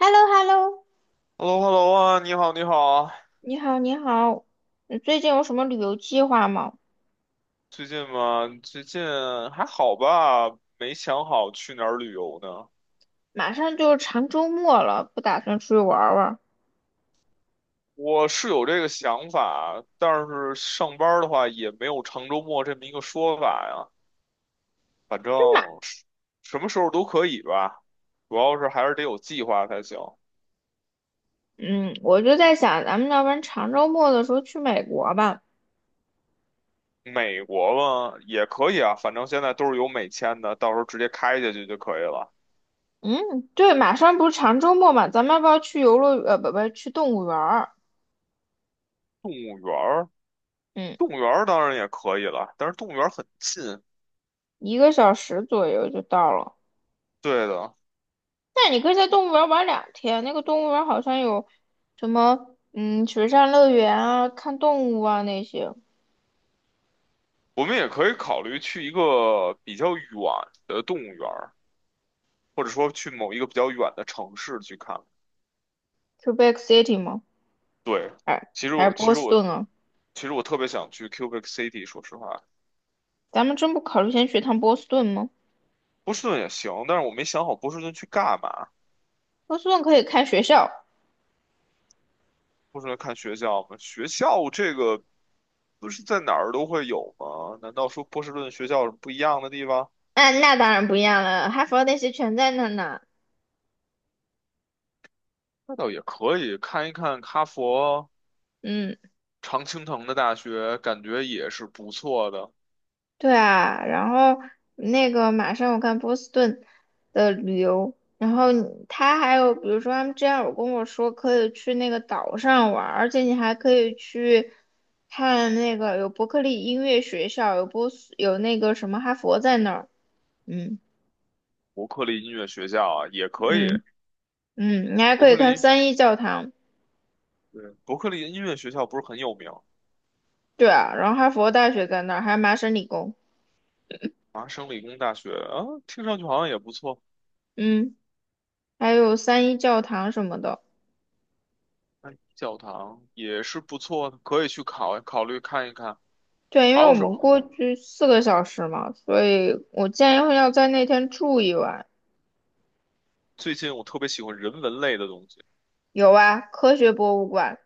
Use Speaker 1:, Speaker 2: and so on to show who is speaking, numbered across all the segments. Speaker 1: h e l l o h e l l o
Speaker 2: h e l l o h e l l o 啊，你好，你好啊。
Speaker 1: 你好，你好，你最近有什么旅游计划吗？
Speaker 2: 最近还好吧？没想好去哪儿旅游呢。
Speaker 1: 马上就是长周末了，不打算出去玩儿玩儿。
Speaker 2: 我是有这个想法，但是上班儿的话也没有长周末这么一个说法呀。反正是什么时候都可以吧，主要是还是得有计划才行。
Speaker 1: 嗯，我就在想，咱们要不然长周末的时候去美国吧。
Speaker 2: 美国嘛也可以啊，反正现在都是有美签的，到时候直接开下去就可以了。
Speaker 1: 嗯，对，马上不是长周末嘛，咱们要不要去游乐园？不不，去动物园儿。
Speaker 2: 动物园儿，
Speaker 1: 嗯，
Speaker 2: 动物园儿当然也可以了，但是动物园儿很近。
Speaker 1: 1个小时左右就到了。
Speaker 2: 对的。
Speaker 1: 那你可以在动物园儿玩2天，那个动物园儿好像有什么，嗯，水上乐园啊，看动物啊那些。
Speaker 2: 我们也可以考虑去一个比较远的动物园儿，或者说去某一个比较远的城市去看。
Speaker 1: q u e b e c City 吗？
Speaker 2: 对，
Speaker 1: 还
Speaker 2: 其实
Speaker 1: 还
Speaker 2: 我
Speaker 1: 是
Speaker 2: 其
Speaker 1: 波
Speaker 2: 实
Speaker 1: 士
Speaker 2: 我
Speaker 1: 顿啊？
Speaker 2: 其实我特别想去 Cubic City，说实话，
Speaker 1: 咱们真不考虑先去趟波士顿吗？
Speaker 2: 波士顿也行，但是我没想好波士顿去干嘛。
Speaker 1: 波士顿可以看学校，
Speaker 2: 波士顿看学校吗？学校这个不是在哪儿都会有吗？难道说波士顿学校有什么不一样的地方？
Speaker 1: 嗯，那当然不一样了，哈佛那些全在那呢。
Speaker 2: 那倒也可以，看一看哈佛、
Speaker 1: 嗯，
Speaker 2: 常青藤的大学，感觉也是不错的。
Speaker 1: 对啊，然后那个马上我看波士顿的旅游，然后你他还有比如说他们之前有跟我说可以去那个岛上玩儿，而且你还可以去看那个有伯克利音乐学校，有波斯有那个什么哈佛在那儿，嗯
Speaker 2: 伯克利音乐学校啊，也可以。
Speaker 1: 嗯嗯，你还
Speaker 2: 伯
Speaker 1: 可以
Speaker 2: 克
Speaker 1: 看
Speaker 2: 利，
Speaker 1: 三一教堂。
Speaker 2: 对，伯克利音乐学校不是很有名，
Speaker 1: 对啊，然后哈佛大学在那儿，还有麻省理工，
Speaker 2: 麻省理工大学啊，听上去好像也不错。
Speaker 1: 嗯，还有三一教堂什么的。
Speaker 2: 哎，教堂也是不错的，可以去考虑看一看。
Speaker 1: 对，因为
Speaker 2: 还
Speaker 1: 我
Speaker 2: 有是
Speaker 1: 们过去四个小时嘛，所以我建议要在那天住1晚。
Speaker 2: 最近我特别喜欢人文类的东西。
Speaker 1: 有啊，科学博物馆，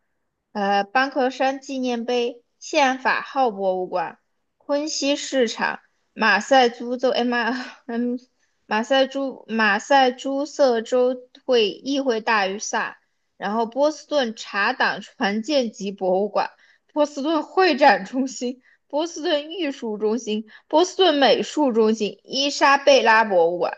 Speaker 1: 班克山纪念碑、宪法号博物馆、昆西市场、马赛诸州，哎马，嗯，马赛诸塞州会议会大于萨，然后波士顿茶党船舰级博物馆、波士顿会展中心、波士顿艺术中心、波士顿美术中心、伊莎贝拉博物馆。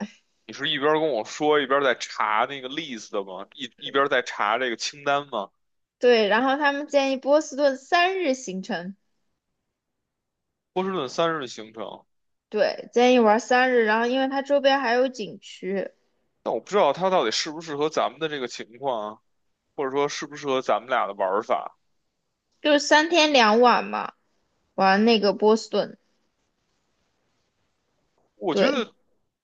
Speaker 2: 你是一边跟我说一边在查那个 list 的吗？一边在查这个清单吗？
Speaker 1: 对，然后他们建议波士顿三日行程。
Speaker 2: 波士顿三日的行程，
Speaker 1: 对，建议玩三日，然后因为它周边还有景区，
Speaker 2: 但我不知道它到底适不适合咱们的这个情况啊，或者说适不适合咱们俩的玩法。
Speaker 1: 就是三天两晚嘛，玩那个波士顿。
Speaker 2: 我觉
Speaker 1: 对，
Speaker 2: 得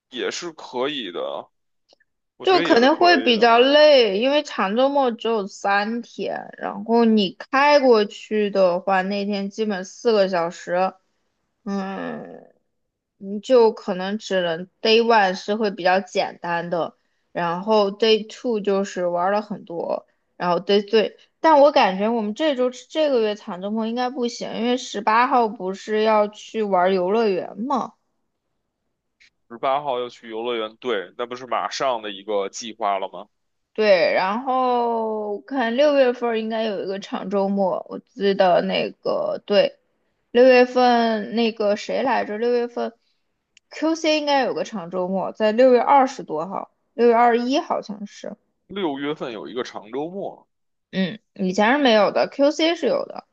Speaker 2: 也是可以的，我觉
Speaker 1: 就
Speaker 2: 得也
Speaker 1: 肯
Speaker 2: 是
Speaker 1: 定
Speaker 2: 可
Speaker 1: 会
Speaker 2: 以
Speaker 1: 比
Speaker 2: 的
Speaker 1: 较
Speaker 2: 啊。
Speaker 1: 累，因为长周末只有三天，然后你开过去的话，那天基本四个小时，嗯，你就可能只能 day one 是会比较简单的，然后 day two 就是玩了很多，然后 day three，但我感觉我们这周这个月长周末应该不行，因为18号不是要去玩游乐园嘛。
Speaker 2: 18号要去游乐园，对，那不是马上的一个计划了吗？
Speaker 1: 对，然后看六月份儿应该有一个长周末，我记得那个对，六月份那个谁来着？六月份 QC 应该有个长周末，在6月20多号，6月21好像是，
Speaker 2: 六月份有一个长周末。
Speaker 1: 嗯，以前是没有的，QC 是有的。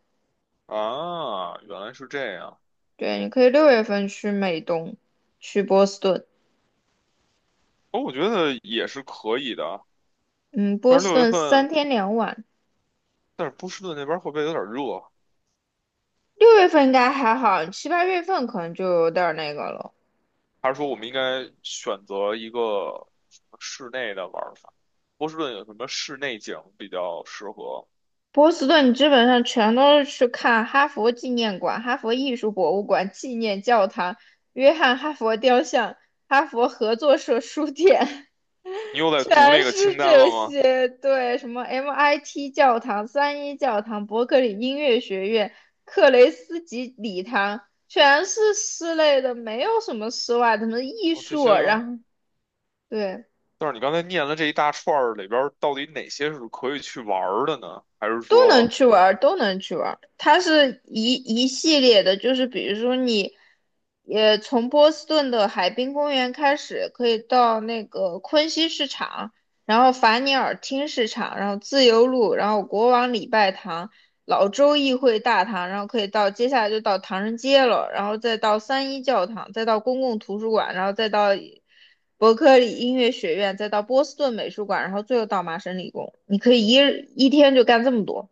Speaker 2: 啊，原来是这样。
Speaker 1: 对，你可以六月份去美东，去波士顿，
Speaker 2: 哦，我觉得也是可以的，
Speaker 1: 嗯，波
Speaker 2: 但是
Speaker 1: 士
Speaker 2: 六月
Speaker 1: 顿三
Speaker 2: 份，
Speaker 1: 天两晚。
Speaker 2: 但是波士顿那边会不会有点热？
Speaker 1: 六月份应该还好，七八月份可能就有点儿那个了。
Speaker 2: 还是说我们应该选择一个什么室内的玩法？波士顿有什么室内景比较适合？
Speaker 1: 波士顿基本上全都是去看哈佛纪念馆、哈佛艺术博物馆、纪念教堂、约翰·哈佛雕像、哈佛合作社书店，
Speaker 2: 你又 在读那
Speaker 1: 全
Speaker 2: 个
Speaker 1: 是
Speaker 2: 清单了
Speaker 1: 这
Speaker 2: 吗？
Speaker 1: 些。对，什么 MIT 教堂、三一教堂、伯克利音乐学院、克雷斯吉礼堂，全是室内的，没有什么室外的，什么艺
Speaker 2: 哦，这
Speaker 1: 术啊，
Speaker 2: 些，
Speaker 1: 然后对。
Speaker 2: 但是你刚才念了这一大串儿里边儿，到底哪些是可以去玩儿的呢？还是
Speaker 1: 都能
Speaker 2: 说？
Speaker 1: 去玩儿，都能去玩儿。它是一系列的，就是比如说你，也从波士顿的海滨公园开始，可以到那个昆西市场，然后法尼尔厅市场，然后自由路，然后国王礼拜堂、老州议会大堂，然后可以到接下来就到唐人街了，然后再到三一教堂，再到公共图书馆，然后再到伯克利音乐学院，再到波士顿美术馆，然后最后到麻省理工。你可以一日一天就干这么多。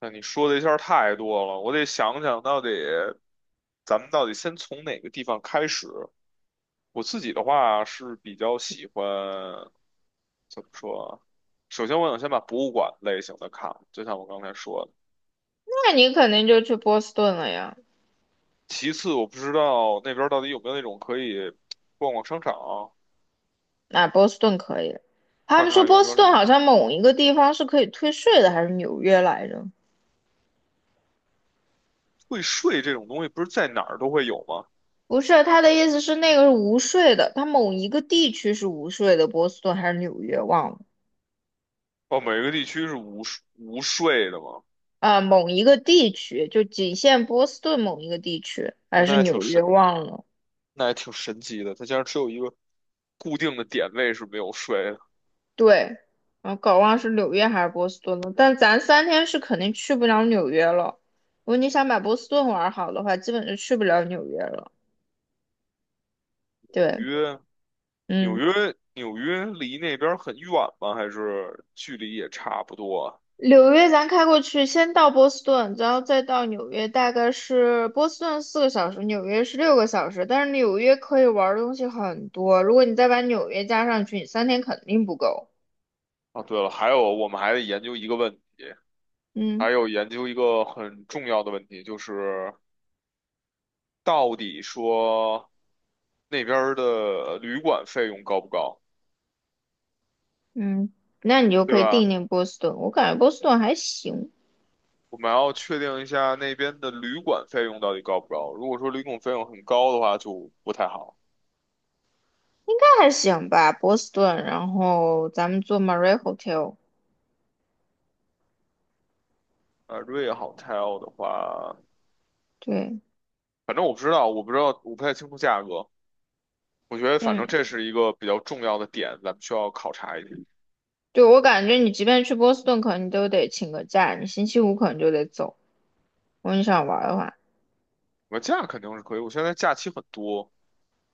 Speaker 2: 那你说的一下儿太多了，我得想想到底咱们到底先从哪个地方开始。我自己的话是比较喜欢，怎么说啊？首先，我想先把博物馆类型的看了，就像我刚才说的。
Speaker 1: 那你肯定就去波士顿了呀。
Speaker 2: 其次，我不知道那边儿到底有没有那种可以逛逛商场，
Speaker 1: 那、波士顿可以。他
Speaker 2: 看
Speaker 1: 们说
Speaker 2: 看有
Speaker 1: 波
Speaker 2: 没
Speaker 1: 士
Speaker 2: 有什
Speaker 1: 顿
Speaker 2: 么
Speaker 1: 好像某一个地方是可以退税的，还是纽约来着？
Speaker 2: 退税这种东西，不是在哪儿都会有吗？
Speaker 1: 不是，他的意思是那个是无税的，他某一个地区是无税的，波士顿还是纽约忘了。
Speaker 2: 哦，每个地区是无税无税的吗？
Speaker 1: 啊，某一个地区就仅限波士顿某一个地区，
Speaker 2: 哦
Speaker 1: 还是
Speaker 2: 那还挺
Speaker 1: 纽约
Speaker 2: 神
Speaker 1: 忘了。
Speaker 2: 那也挺神奇的。它竟然只有一个固定的点位是没有睡的。
Speaker 1: 对，啊搞忘是纽约还是波士顿了。但咱三天是肯定去不了纽约了。如果你想把波士顿玩好的话，基本就去不了纽约了。对。
Speaker 2: 约纽
Speaker 1: 嗯
Speaker 2: 约，纽约离那边很远吗？还是距离也差不多啊？
Speaker 1: 纽约咱开过去，先到波士顿，然后再到纽约，大概是波士顿四个小时，纽约是6个小时。但是纽约可以玩儿的东西很多，如果你再把纽约加上去，你三天肯定不够。
Speaker 2: 啊对了，还有我们还得研究一个问题，
Speaker 1: 嗯
Speaker 2: 还有研究一个很重要的问题，就是到底说那边儿的旅馆费用高不高，
Speaker 1: 嗯，那你就
Speaker 2: 对
Speaker 1: 可以定
Speaker 2: 吧？
Speaker 1: 定波士顿。我感觉波士顿还行，
Speaker 2: 我们要确定一下那边的旅馆费用到底高不高。如果说旅馆费用很高的话，就不太好。
Speaker 1: 那还行吧，波士顿。然后咱们做 Marie Hotel，
Speaker 2: 瑞 a Hotel 的话，
Speaker 1: 对，
Speaker 2: 反正我不知道，我不太清楚价格。我觉得反正
Speaker 1: 嗯，
Speaker 2: 这是一个比较重要的点，咱们需要考察一点。
Speaker 1: 对，我感觉你即便去波士顿，可能你都得请个假，你星期五可能就得走。如果你想玩儿的话。
Speaker 2: 我假肯定是可以，我现在假期很多，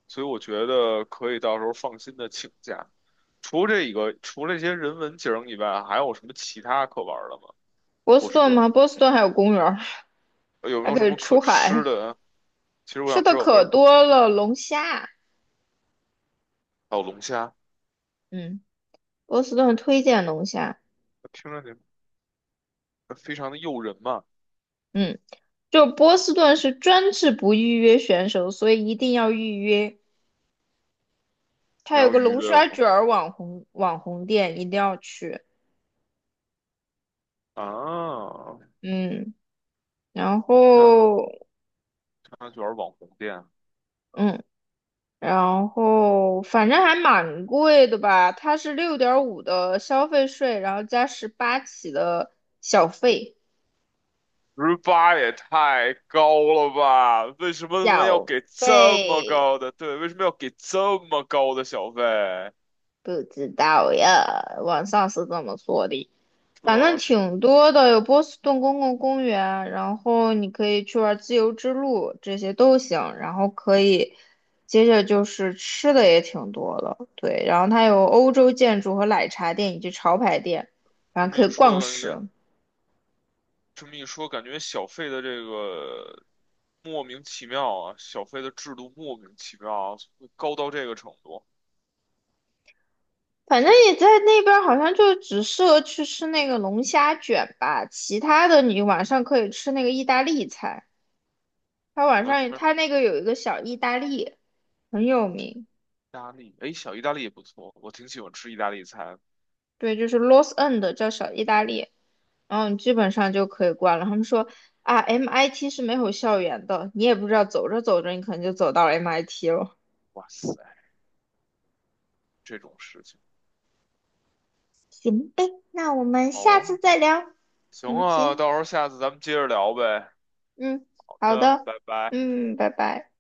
Speaker 2: 所以我觉得可以到时候放心的请假。除了这个，除了这些人文景儿以外，还有什么其他可玩儿的吗？
Speaker 1: 波
Speaker 2: 波
Speaker 1: 士
Speaker 2: 士
Speaker 1: 顿
Speaker 2: 顿
Speaker 1: 吗？波士顿还有公园儿，
Speaker 2: 有没
Speaker 1: 还
Speaker 2: 有
Speaker 1: 可
Speaker 2: 什
Speaker 1: 以
Speaker 2: 么可
Speaker 1: 出
Speaker 2: 吃
Speaker 1: 海，
Speaker 2: 的？其实我
Speaker 1: 吃
Speaker 2: 想
Speaker 1: 的
Speaker 2: 知道有没
Speaker 1: 可
Speaker 2: 有什么
Speaker 1: 多了，龙虾。
Speaker 2: 还有龙虾，
Speaker 1: 嗯，波士顿推荐龙虾。
Speaker 2: 听着你非常的诱人嘛。
Speaker 1: 嗯，就波士顿是专治不预约选手，所以一定要预约。
Speaker 2: 你
Speaker 1: 它有
Speaker 2: 要
Speaker 1: 个
Speaker 2: 预
Speaker 1: 龙
Speaker 2: 约
Speaker 1: 虾卷
Speaker 2: 吗？
Speaker 1: 儿网红店，一定要去。
Speaker 2: 啊，
Speaker 1: 嗯，然
Speaker 2: 龙虾。
Speaker 1: 后
Speaker 2: 商圈网红店，
Speaker 1: 嗯，然后反正还蛮贵的吧？它是6.5的消费税，然后加十八起的小费，
Speaker 2: 十八也太高了吧？为什么他们要
Speaker 1: 小
Speaker 2: 给这么
Speaker 1: 费。
Speaker 2: 高的？对，为什么要给这么高的小费？
Speaker 1: 不知道呀，网上是这么说的，
Speaker 2: 对
Speaker 1: 反正
Speaker 2: 啊，
Speaker 1: 挺多的，有波士顿公共公园，然后你可以去玩自由之路，这些都行。然后可以，接着就是吃的也挺多的，对。然后它有欧洲建筑和奶茶店以及潮牌店，
Speaker 2: 这
Speaker 1: 反正
Speaker 2: 么
Speaker 1: 可
Speaker 2: 一
Speaker 1: 以
Speaker 2: 说，
Speaker 1: 逛
Speaker 2: 感觉
Speaker 1: 食。
Speaker 2: 这么一说，感觉小费的这个莫名其妙啊，小费的制度莫名其妙啊，会高到这个程度，
Speaker 1: 反正也在那边，好像就只适合去吃那个龙虾卷吧，其他的你晚上可以吃那个意大利菜。它晚
Speaker 2: 完
Speaker 1: 上
Speaker 2: 全意
Speaker 1: 它那个有一个小意大利。很有名，
Speaker 2: 大利，哎，小意大利也不错，我挺喜欢吃意大利菜。
Speaker 1: 对，就是 Los End 叫小意大利，然后你基本上就可以逛了。他们说啊，MIT 是没有校园的，你也不知道，走着走着你可能就走到 MIT 了。
Speaker 2: 哇塞，这种事情，
Speaker 1: 行呗，那我们
Speaker 2: 好
Speaker 1: 下次
Speaker 2: 啊，
Speaker 1: 再聊。
Speaker 2: 行
Speaker 1: 嗯，
Speaker 2: 啊，
Speaker 1: 行，
Speaker 2: 到时候下次咱们接着聊呗。
Speaker 1: 嗯，
Speaker 2: 好
Speaker 1: 好
Speaker 2: 的，
Speaker 1: 的，
Speaker 2: 拜拜。
Speaker 1: 嗯，拜拜。